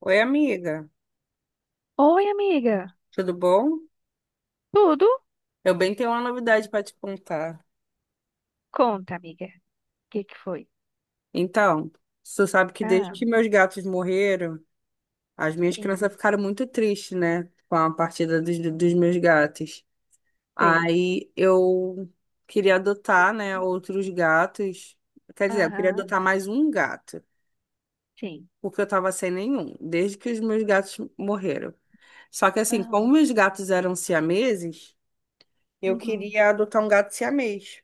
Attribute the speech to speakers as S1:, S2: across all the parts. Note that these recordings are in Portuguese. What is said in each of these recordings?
S1: Oi, amiga,
S2: Oi, amiga.
S1: tudo bom?
S2: Tudo?
S1: Eu bem tenho uma novidade para te contar.
S2: Conta, amiga. O que que foi?
S1: Então, você sabe que desde
S2: Ah,
S1: que meus gatos morreram, as minhas crianças
S2: sim,
S1: ficaram muito tristes, né? Com a partida dos meus gatos.
S2: sei.
S1: Aí eu queria adotar, né, outros gatos. Quer dizer, eu queria
S2: Aham,
S1: adotar mais um gato,
S2: sim.
S1: porque eu tava sem nenhum, desde que os meus gatos morreram. Só que assim, como
S2: Aham,
S1: meus gatos eram siameses, eu
S2: uhum,
S1: queria adotar um gato siamês.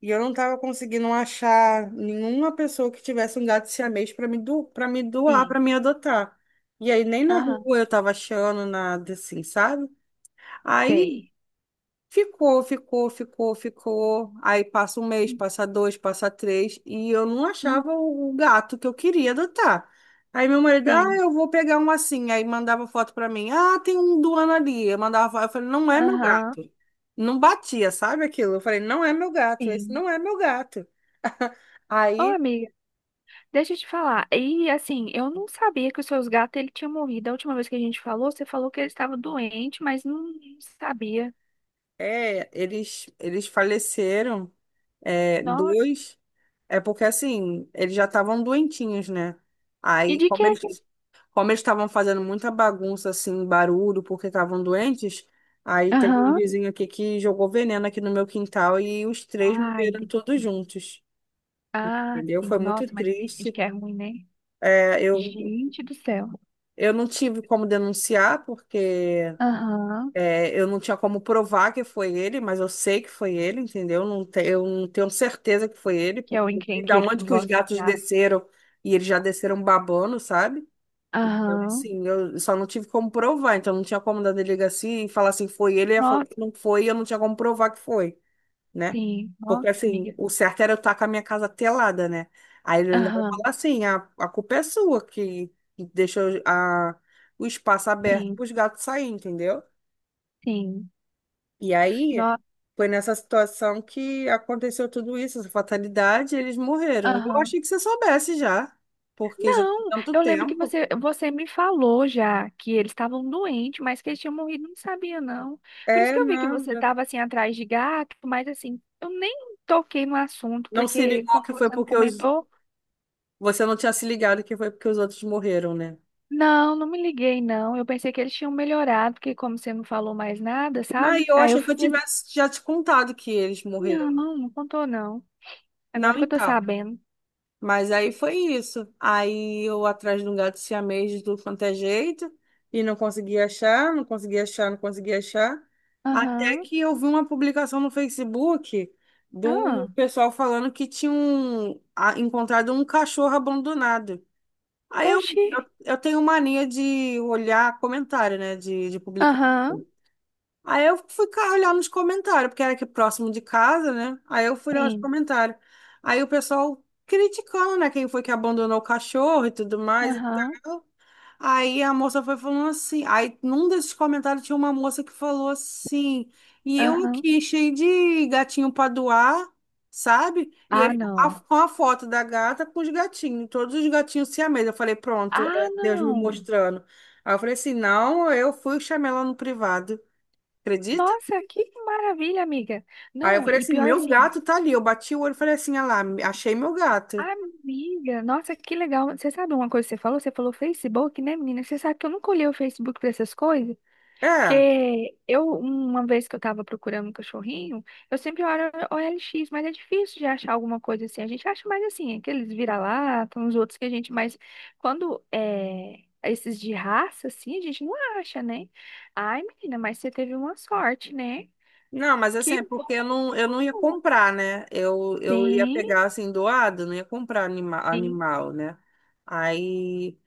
S1: E eu não tava conseguindo achar nenhuma pessoa que tivesse um gato siamês para me, do, para me doar, para
S2: sim.
S1: me adotar. E aí nem na
S2: Aham,
S1: rua eu tava achando nada assim, sabe? Aí
S2: sei.
S1: ficou. Aí passa um mês, passa dois, passa três, e eu não
S2: Uhum,
S1: achava o gato que eu queria adotar. Aí meu marido, ah,
S2: sim.
S1: eu vou pegar um assim. Aí mandava foto para mim, ah, tem um doando ali. Eu mandava foto, eu falei, não é meu
S2: Aham,
S1: gato. Não batia, sabe aquilo? Eu falei, não é meu gato, esse
S2: sim.
S1: não é meu gato.
S2: Ô,
S1: Aí,
S2: amiga, deixa eu te falar. E assim, eu não sabia que os seus gatos ele tinha morrido. A última vez que a gente falou, você falou que eles estavam doentes, mas não sabia.
S1: é, eles faleceram, é,
S2: Nossa.
S1: dois, é porque assim, eles já estavam doentinhos, né?
S2: E
S1: Aí,
S2: de que?
S1: como eles estavam fazendo muita bagunça, assim, barulho, porque estavam doentes, aí teve um
S2: Aham.
S1: vizinho aqui que jogou veneno aqui no meu quintal e os três
S2: Ai,
S1: morreram
S2: de-
S1: todos juntos,
S2: ah,
S1: entendeu?
S2: sim.
S1: Foi muito
S2: Nossa, mas tem gente
S1: triste.
S2: que é ruim, né?
S1: É,
S2: Gente do céu.
S1: eu não tive como denunciar porque
S2: Aham.
S1: é, eu não tinha como provar que foi ele, mas eu sei que foi ele, entendeu? Eu não tenho certeza que foi ele,
S2: Que é o
S1: porque e da
S2: encrenqueiro que
S1: onde
S2: não
S1: que os
S2: gosta de
S1: gatos
S2: gato.
S1: desceram e eles já desceram babando, sabe? Então,
S2: Aham.
S1: assim, eu só não tive como provar, então não tinha como dar delegacia e falar assim, foi ele, e ia falar que
S2: Nossa,
S1: não foi, e eu não tinha como provar que foi, né?
S2: sim.
S1: Porque,
S2: Nossa,
S1: assim,
S2: amiga.
S1: o certo era eu estar com a minha casa telada, né? Aí ele ainda vai
S2: Aham.
S1: falar assim, a culpa é sua que deixou a, o espaço aberto para
S2: Sim,
S1: os gatos saírem, entendeu?
S2: sim.
S1: E aí,
S2: Nossa.
S1: foi nessa situação que aconteceu tudo isso, essa fatalidade, e eles morreram. Eu
S2: Aham.
S1: achei que você soubesse já, porque já tem
S2: Não,
S1: tanto
S2: eu lembro que
S1: tempo.
S2: você me falou já que eles estavam doentes, mas que eles tinham morrido, não sabia, não. Por isso
S1: É,
S2: que eu vi que
S1: não,
S2: você
S1: já...
S2: estava assim atrás de gato, mas assim, eu nem toquei no assunto,
S1: Não se
S2: porque
S1: ligou
S2: como
S1: que foi
S2: você não
S1: porque os...
S2: comentou,
S1: você não tinha se ligado que foi porque os outros morreram, né?
S2: não, não me liguei, não. Eu pensei que eles tinham melhorado, porque como você não falou mais nada,
S1: Não, e
S2: sabe?
S1: eu
S2: Aí eu
S1: achei que eu
S2: fiquei assim,
S1: tivesse já te contado que eles
S2: não,
S1: morreram.
S2: não contou, não.
S1: Não,
S2: Agora que eu tô
S1: então.
S2: sabendo.
S1: Mas aí foi isso. Aí eu atrás de um gato siamês de tudo quanto é jeito e não conseguia achar, não conseguia achar, não conseguia achar. Até
S2: Aham.
S1: que eu vi uma publicação no Facebook do
S2: Ah,
S1: pessoal falando que tinham encontrado um cachorro abandonado. Aí
S2: oxi.
S1: eu tenho mania de olhar comentário, né, de publicação.
S2: Aham.
S1: Aí eu fui olhar nos comentários, porque era aqui próximo de casa, né? Aí eu fui olhar nos
S2: Sim.
S1: comentários. Aí o pessoal criticando, né? Quem foi que abandonou o cachorro e tudo mais e
S2: Aham.
S1: tal. Aí a moça foi falando assim. Aí num desses comentários tinha uma moça que falou assim. E eu
S2: Aham.
S1: aqui, cheio de gatinho pra doar, sabe? E
S2: Ah,
S1: aí a,
S2: não.
S1: com a foto da gata com os gatinhos, todos os gatinhos siamês. Eu falei, pronto,
S2: Ah,
S1: é Deus me
S2: não.
S1: mostrando. Aí eu falei assim: não, eu fui e chamei ela no privado. Acredita?
S2: Nossa, que maravilha, amiga.
S1: Aí eu
S2: Não,
S1: falei
S2: e
S1: assim,
S2: pior
S1: meu
S2: assim,
S1: gato tá ali. Eu bati o olho e falei assim, ah lá, achei meu gato.
S2: amiga, nossa, que legal. Você sabe uma coisa que você falou? Você falou Facebook, né, menina? Você sabe que eu nunca olhei o Facebook pra essas coisas?
S1: É,
S2: Porque eu, uma vez que eu tava procurando um cachorrinho, eu sempre olho o OLX, mas é difícil de achar alguma coisa assim. A gente acha mais assim, aqueles vira-lata, uns outros que a gente mais. Quando é esses de raça, assim, a gente não acha, né? Ai, menina, mas você teve uma sorte, né?
S1: não, mas assim,
S2: Que
S1: é
S2: bom
S1: porque
S2: que você
S1: eu não ia
S2: encontrou.
S1: comprar, né? Eu ia
S2: Sim,
S1: pegar assim, doado, não ia comprar
S2: sim.
S1: animal, né? Aí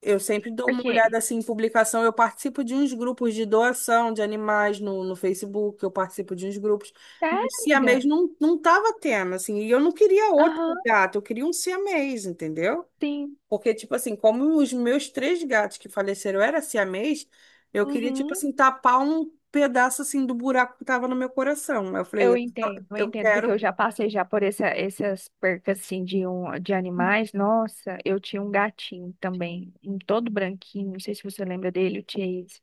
S1: eu sempre dou uma
S2: Porque,
S1: olhada assim em publicação. Eu participo de uns grupos de doação de animais no Facebook, eu participo de uns grupos.
S2: sério,
S1: Mas siamês
S2: amiga?
S1: não tava tendo, assim, e eu não queria outro
S2: Aham,
S1: gato, eu queria um siamês, entendeu?
S2: sim.
S1: Porque, tipo assim, como os meus três gatos que faleceram eram siamês, eu queria, tipo
S2: Uhum.
S1: assim, tapar um pedaço, assim, do buraco que tava no meu coração. Aí eu falei,
S2: Eu
S1: eu
S2: entendo, porque eu
S1: quero...
S2: já passei já por essas percas assim de, um, de animais. Nossa, eu tinha um gatinho também, um todo branquinho, não sei se você lembra dele, o Chase.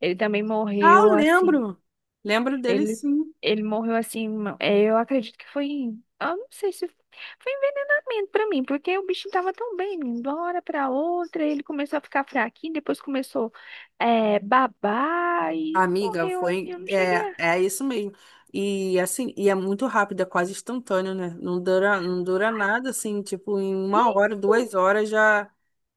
S2: Ele também
S1: Ah, eu
S2: morreu assim.
S1: lembro! Lembro dele,
S2: Ele,
S1: sim.
S2: ele morreu assim, é, eu acredito que eu não sei se foi envenenamento pra mim, porque o bichinho tava tão bem, de uma hora pra outra, ele começou a ficar fraquinho, depois começou é, babar e
S1: Amiga,
S2: morreu assim,
S1: foi...
S2: eu não cheguei
S1: É,
S2: a.
S1: é isso mesmo. E, assim, e é muito rápido, é quase instantâneo, né? Não dura nada, assim, tipo, em uma hora,
S2: Isso!
S1: duas horas já...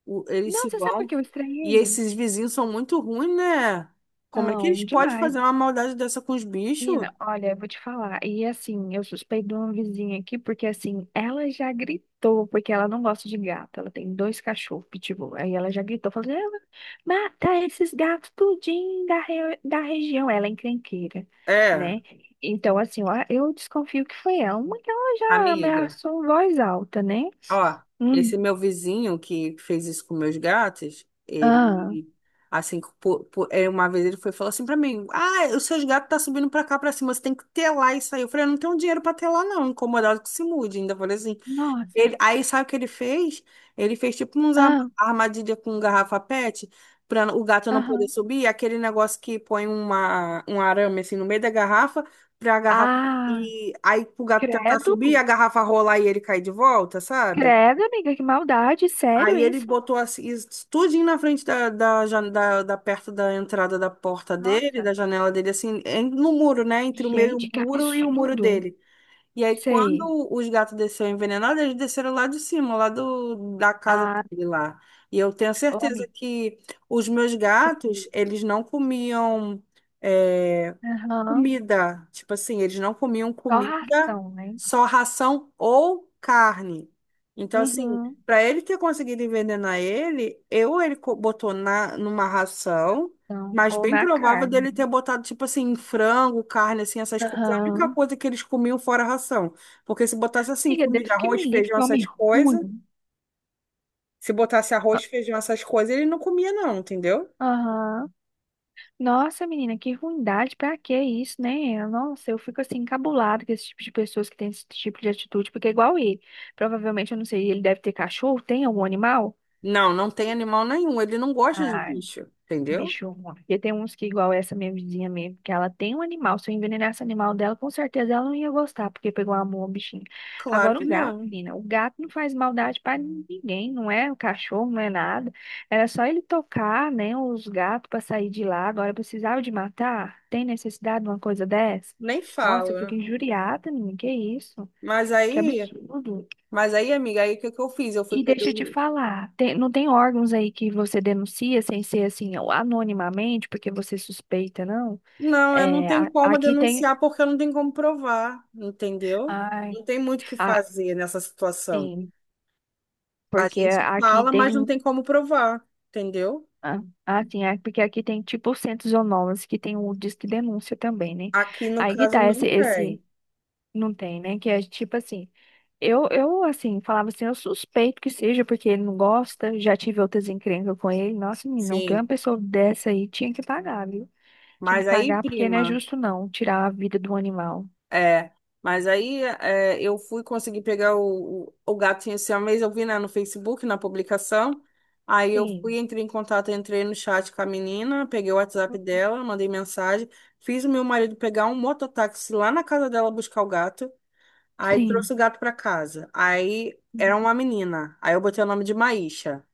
S1: Eles
S2: Não,
S1: se
S2: você sabe por
S1: vão.
S2: que eu
S1: E
S2: estranhei?
S1: esses vizinhos são muito ruins, né? Como é que
S2: Não,
S1: eles podem
S2: demais.
S1: fazer uma maldade dessa com os bichos?
S2: Menina, olha, eu vou te falar. E assim, eu suspeito de uma vizinha aqui, porque assim, ela já gritou, porque ela não gosta de gato. Ela tem dois cachorros, pitbull. Aí ela já gritou, falando, "Ah, mata esses gatos tudinho da região. Ela é encrenqueira,
S1: É,
S2: né? Então, assim, ó, eu desconfio que foi ela. Uma que ela já
S1: amiga,
S2: ameaçou em voz alta, né?
S1: ó,
S2: Hum.
S1: esse meu vizinho que fez isso com meus gatos,
S2: Ah,
S1: ele, assim, é, uma vez ele foi e falou assim pra mim, ah, os seus gatos tá subindo pra cá, pra cima, você tem que telar isso aí. Eu falei, eu não tenho dinheiro pra telar não, incomodado que se mude. Ainda falei assim,
S2: nossa.
S1: ele, aí sabe o que ele fez? Ele fez tipo uns
S2: Ah,
S1: armadilha com garrafa PET para o gato não poder
S2: aham.
S1: subir, aquele negócio que põe uma, um arame assim no meio da garrafa para a garrafa
S2: Ah,
S1: e aí pro gato tentar subir,
S2: credo.
S1: a garrafa rolar e ele cair de volta, sabe?
S2: Credo, amiga, que maldade, sério
S1: Aí ele
S2: isso?
S1: botou assim, isso tudinho na frente da perto da entrada da porta dele, da
S2: Nossa,
S1: janela dele, assim, no muro, né? Entre o meu
S2: gente, que
S1: muro e o muro
S2: absurdo.
S1: dele. E aí,
S2: Sei.
S1: quando os gatos desceram envenenados, eles desceram lá de cima, lá do, da casa
S2: Ah,
S1: dele lá. E eu tenho
S2: ô,
S1: certeza
S2: amiga,
S1: que os meus
S2: que
S1: gatos,
S2: fui.
S1: eles não comiam. eh,
S2: Aham,
S1: comida. Tipo assim, eles não comiam
S2: só
S1: comida,
S2: ração, né?
S1: só ração ou carne. Então, assim,
S2: Uhum.
S1: para ele ter conseguido envenenar ele, botou na, numa ração,
S2: Então,
S1: mas
S2: ou
S1: bem
S2: na
S1: provável
S2: carne.
S1: dele ter botado, tipo assim, frango, carne, assim, essas coisas. A única
S2: Aham.
S1: coisa que eles comiam fora a ração. Porque se botasse, assim,
S2: Amiga,
S1: comida,
S2: Deus que
S1: arroz,
S2: me livre,
S1: feijão,
S2: que homem
S1: essas coisas,
S2: ruim.
S1: se botasse arroz,
S2: Ah,
S1: feijão, essas coisas, ele não comia, não, entendeu?
S2: aham. Nossa, menina, que ruindade, pra que isso, né? Nossa, eu fico assim encabulada com esse tipo de pessoas que tem esse tipo de atitude, porque é igual ele. Provavelmente, eu não sei, ele deve ter cachorro, tem algum animal?
S1: Não, não tem animal nenhum. Ele não gosta de
S2: Ah,
S1: bicho, entendeu?
S2: bicho ruim. Porque tem uns que, igual essa minha vizinha mesmo, que ela tem um animal. Se eu envenenasse o animal dela, com certeza ela não ia gostar, porque pegou amor ao bichinho.
S1: Claro
S2: Agora,
S1: que
S2: um gato,
S1: não.
S2: menina, o gato não faz maldade pra ninguém, não é o cachorro, não é nada. Era só ele tocar, né, os gatos pra sair de lá. Agora, precisava de matar? Tem necessidade de uma coisa dessa?
S1: Nem
S2: Nossa, eu fico
S1: fala.
S2: injuriada, menina, que isso?
S1: Mas
S2: Que
S1: aí,
S2: absurdo.
S1: mas aí, amiga, aí o que que eu fiz? Eu fui
S2: E
S1: pegar.
S2: deixa eu te falar, não tem órgãos aí que você denuncia sem ser assim, anonimamente, porque você suspeita, não?
S1: Não, eu não
S2: É,
S1: tenho como
S2: aqui tem.
S1: denunciar porque eu não tenho como provar, entendeu?
S2: Ai,
S1: Não tem muito o que
S2: ah,
S1: fazer nessa situação.
S2: sim,
S1: A
S2: porque
S1: gente
S2: aqui
S1: fala, mas não
S2: tem.
S1: tem como provar, entendeu?
S2: Ah, ah, sim, é porque aqui tem tipo centros zonoses que tem o disque denúncia também, né?
S1: Aqui no
S2: Aí que
S1: caso
S2: tá,
S1: não
S2: esse
S1: tem.
S2: não tem, né? Que é tipo assim. Assim, falava assim, eu suspeito que seja, porque ele não gosta, já tive outras encrencas com ele. Nossa, menina, que uma
S1: Sim.
S2: pessoa dessa aí tinha que pagar, viu? Tinha que
S1: Mas aí,
S2: pagar porque não é
S1: prima.
S2: justo não tirar a vida do animal.
S1: É, mas aí é, eu fui conseguir pegar o gato tinha esse mês, eu vi, né, no Facebook, na publicação. Aí eu fui,
S2: Sim.
S1: entrei em contato, entrei no chat com a menina, peguei o WhatsApp dela, mandei mensagem, fiz o meu marido pegar um mototáxi lá na casa dela buscar o gato, aí
S2: Sim.
S1: trouxe o gato pra casa. Aí era uma menina, aí eu botei o nome de Maísa,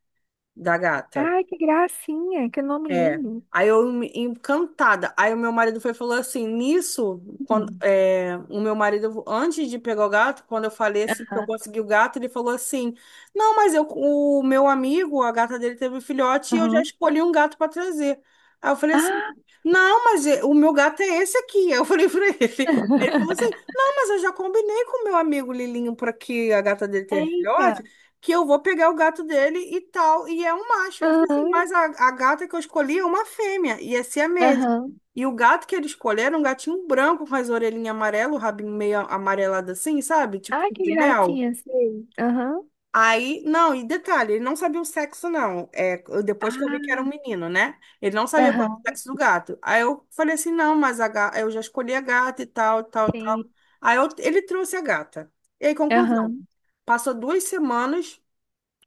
S1: da gata.
S2: Ai, que gracinha, que nome
S1: É.
S2: lindo.
S1: Aí eu encantada. Aí o meu marido foi e falou assim, nisso, quando
S2: Uhum.
S1: é, o meu marido antes de pegar o gato, quando eu falei assim que eu
S2: Aham.
S1: consegui o gato, ele falou assim: "Não, mas eu o meu amigo, a gata dele teve um filhote e eu já
S2: Aham.
S1: escolhi um gato para trazer". Aí eu falei assim:
S2: Ah,
S1: "Não, mas o meu gato é esse aqui". Eu falei para ele. Ele falou assim: "Não, mas eu já combinei com o meu amigo Lilinho para que a gata dele tenha filhote"
S2: eita.
S1: que eu vou pegar o gato dele e tal. E é um macho. Eu falei assim,
S2: Aham.
S1: mas a gata que eu escolhi é uma fêmea, e é siamesa.
S2: Aham.
S1: E o gato que ele escolheu era um gatinho branco com as orelhinhas amarelas, o rabinho meio amarelado assim, sabe? Tipo
S2: Ai, que
S1: de mel.
S2: gracinha, sei. Aham.
S1: Aí, não, e detalhe, ele não sabia o sexo, não. É, depois que eu vi que era
S2: Ah,
S1: um menino, né? Ele não sabia qual era o
S2: aham.
S1: sexo do gato. Aí eu falei assim, não, mas a ga... eu já escolhi a gata e tal, tal, tal.
S2: Sim.
S1: Aí ele trouxe a gata. E aí, conclusão,
S2: Aham.
S1: passou duas semanas,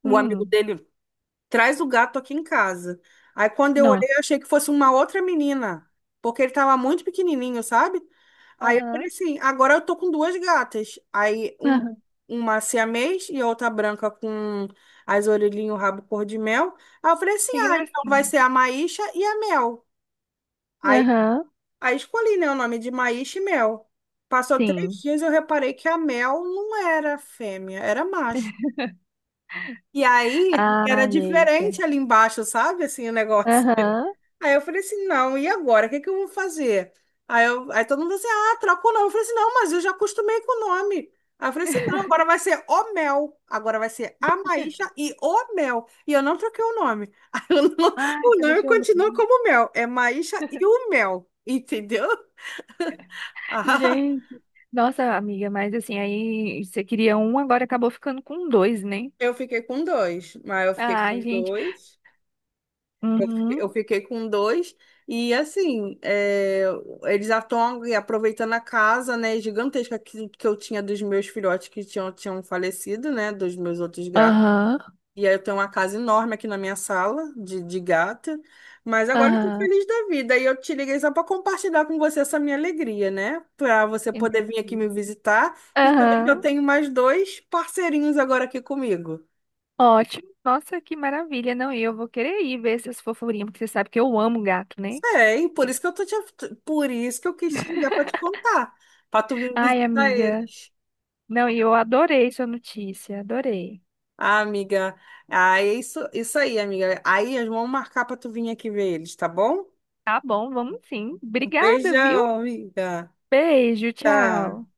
S1: o amigo
S2: Hum.
S1: dele traz o gato aqui em casa. Aí quando eu
S2: Não.
S1: olhei, eu achei que fosse uma outra menina, porque ele tava muito pequenininho, sabe? Aí eu falei
S2: Aham.
S1: assim, agora eu tô com duas gatas.
S2: Aham.
S1: Uma siamês e a outra branca com as orelhinhas e o rabo cor de mel. Aí eu falei assim,
S2: Que
S1: ah, então vai
S2: gracinha.
S1: ser a Maíша e a Mel. Aí,
S2: Aham.
S1: aí escolhi, né, o nome de Maíша e Mel. Passou três
S2: Sim.
S1: dias e eu reparei que a Mel não era fêmea, era macho. E aí era
S2: Ai, eita.
S1: diferente ali embaixo, sabe? Assim, o negócio.
S2: Aham.
S1: Aí eu falei assim, não, e agora? O que que eu vou fazer? Aí, eu, aí todo mundo assim, ah, troca o nome. Eu falei assim, não, mas eu já acostumei com o nome. Aí eu falei assim, não, agora vai ser O Mel. Agora vai ser A Maísa e O Mel. E eu não troquei o nome. Aí o no-
S2: Ai,
S1: o
S2: você
S1: nome
S2: deixou
S1: continua
S2: mesmo.
S1: como Mel. É Maísa e o Mel, entendeu? Ah,
S2: Gente, nossa amiga, mas assim, aí você queria um, agora acabou ficando com dois, né?
S1: eu fiquei com dois, mas eu fiquei
S2: Ai,
S1: com
S2: gente.
S1: dois. Eu
S2: Uhum.
S1: fiquei com dois. E assim, é, eles estão aproveitando a casa, né, gigantesca que eu tinha dos meus filhotes que tinham falecido, né, dos meus outros gatos.
S2: Aham.
S1: E aí eu tenho uma casa enorme aqui na minha sala de gata. Mas agora eu tô
S2: Aham.
S1: feliz da vida. E eu te liguei só para compartilhar com você essa minha alegria, né? Para você poder vir aqui me
S2: Entendi.
S1: visitar e saber que eu
S2: Aham.
S1: tenho mais dois parceirinhos agora aqui comigo.
S2: Ótimo. Nossa, que maravilha. Não, e eu vou querer ir ver essas fofurinhas, porque você sabe que eu amo gato, né?
S1: Sei, por isso que por isso que eu quis te ligar para te contar, para tu vir
S2: Ai,
S1: visitar
S2: amiga.
S1: eles.
S2: Não, e eu adorei sua notícia, adorei.
S1: Ah, amiga, ah, é isso, isso aí, amiga. Aí vamos marcar para tu vir aqui ver eles, tá bom?
S2: Tá bom, vamos sim.
S1: Um
S2: Obrigada, viu?
S1: beijão, amiga.
S2: Beijo, tchau.
S1: Tá.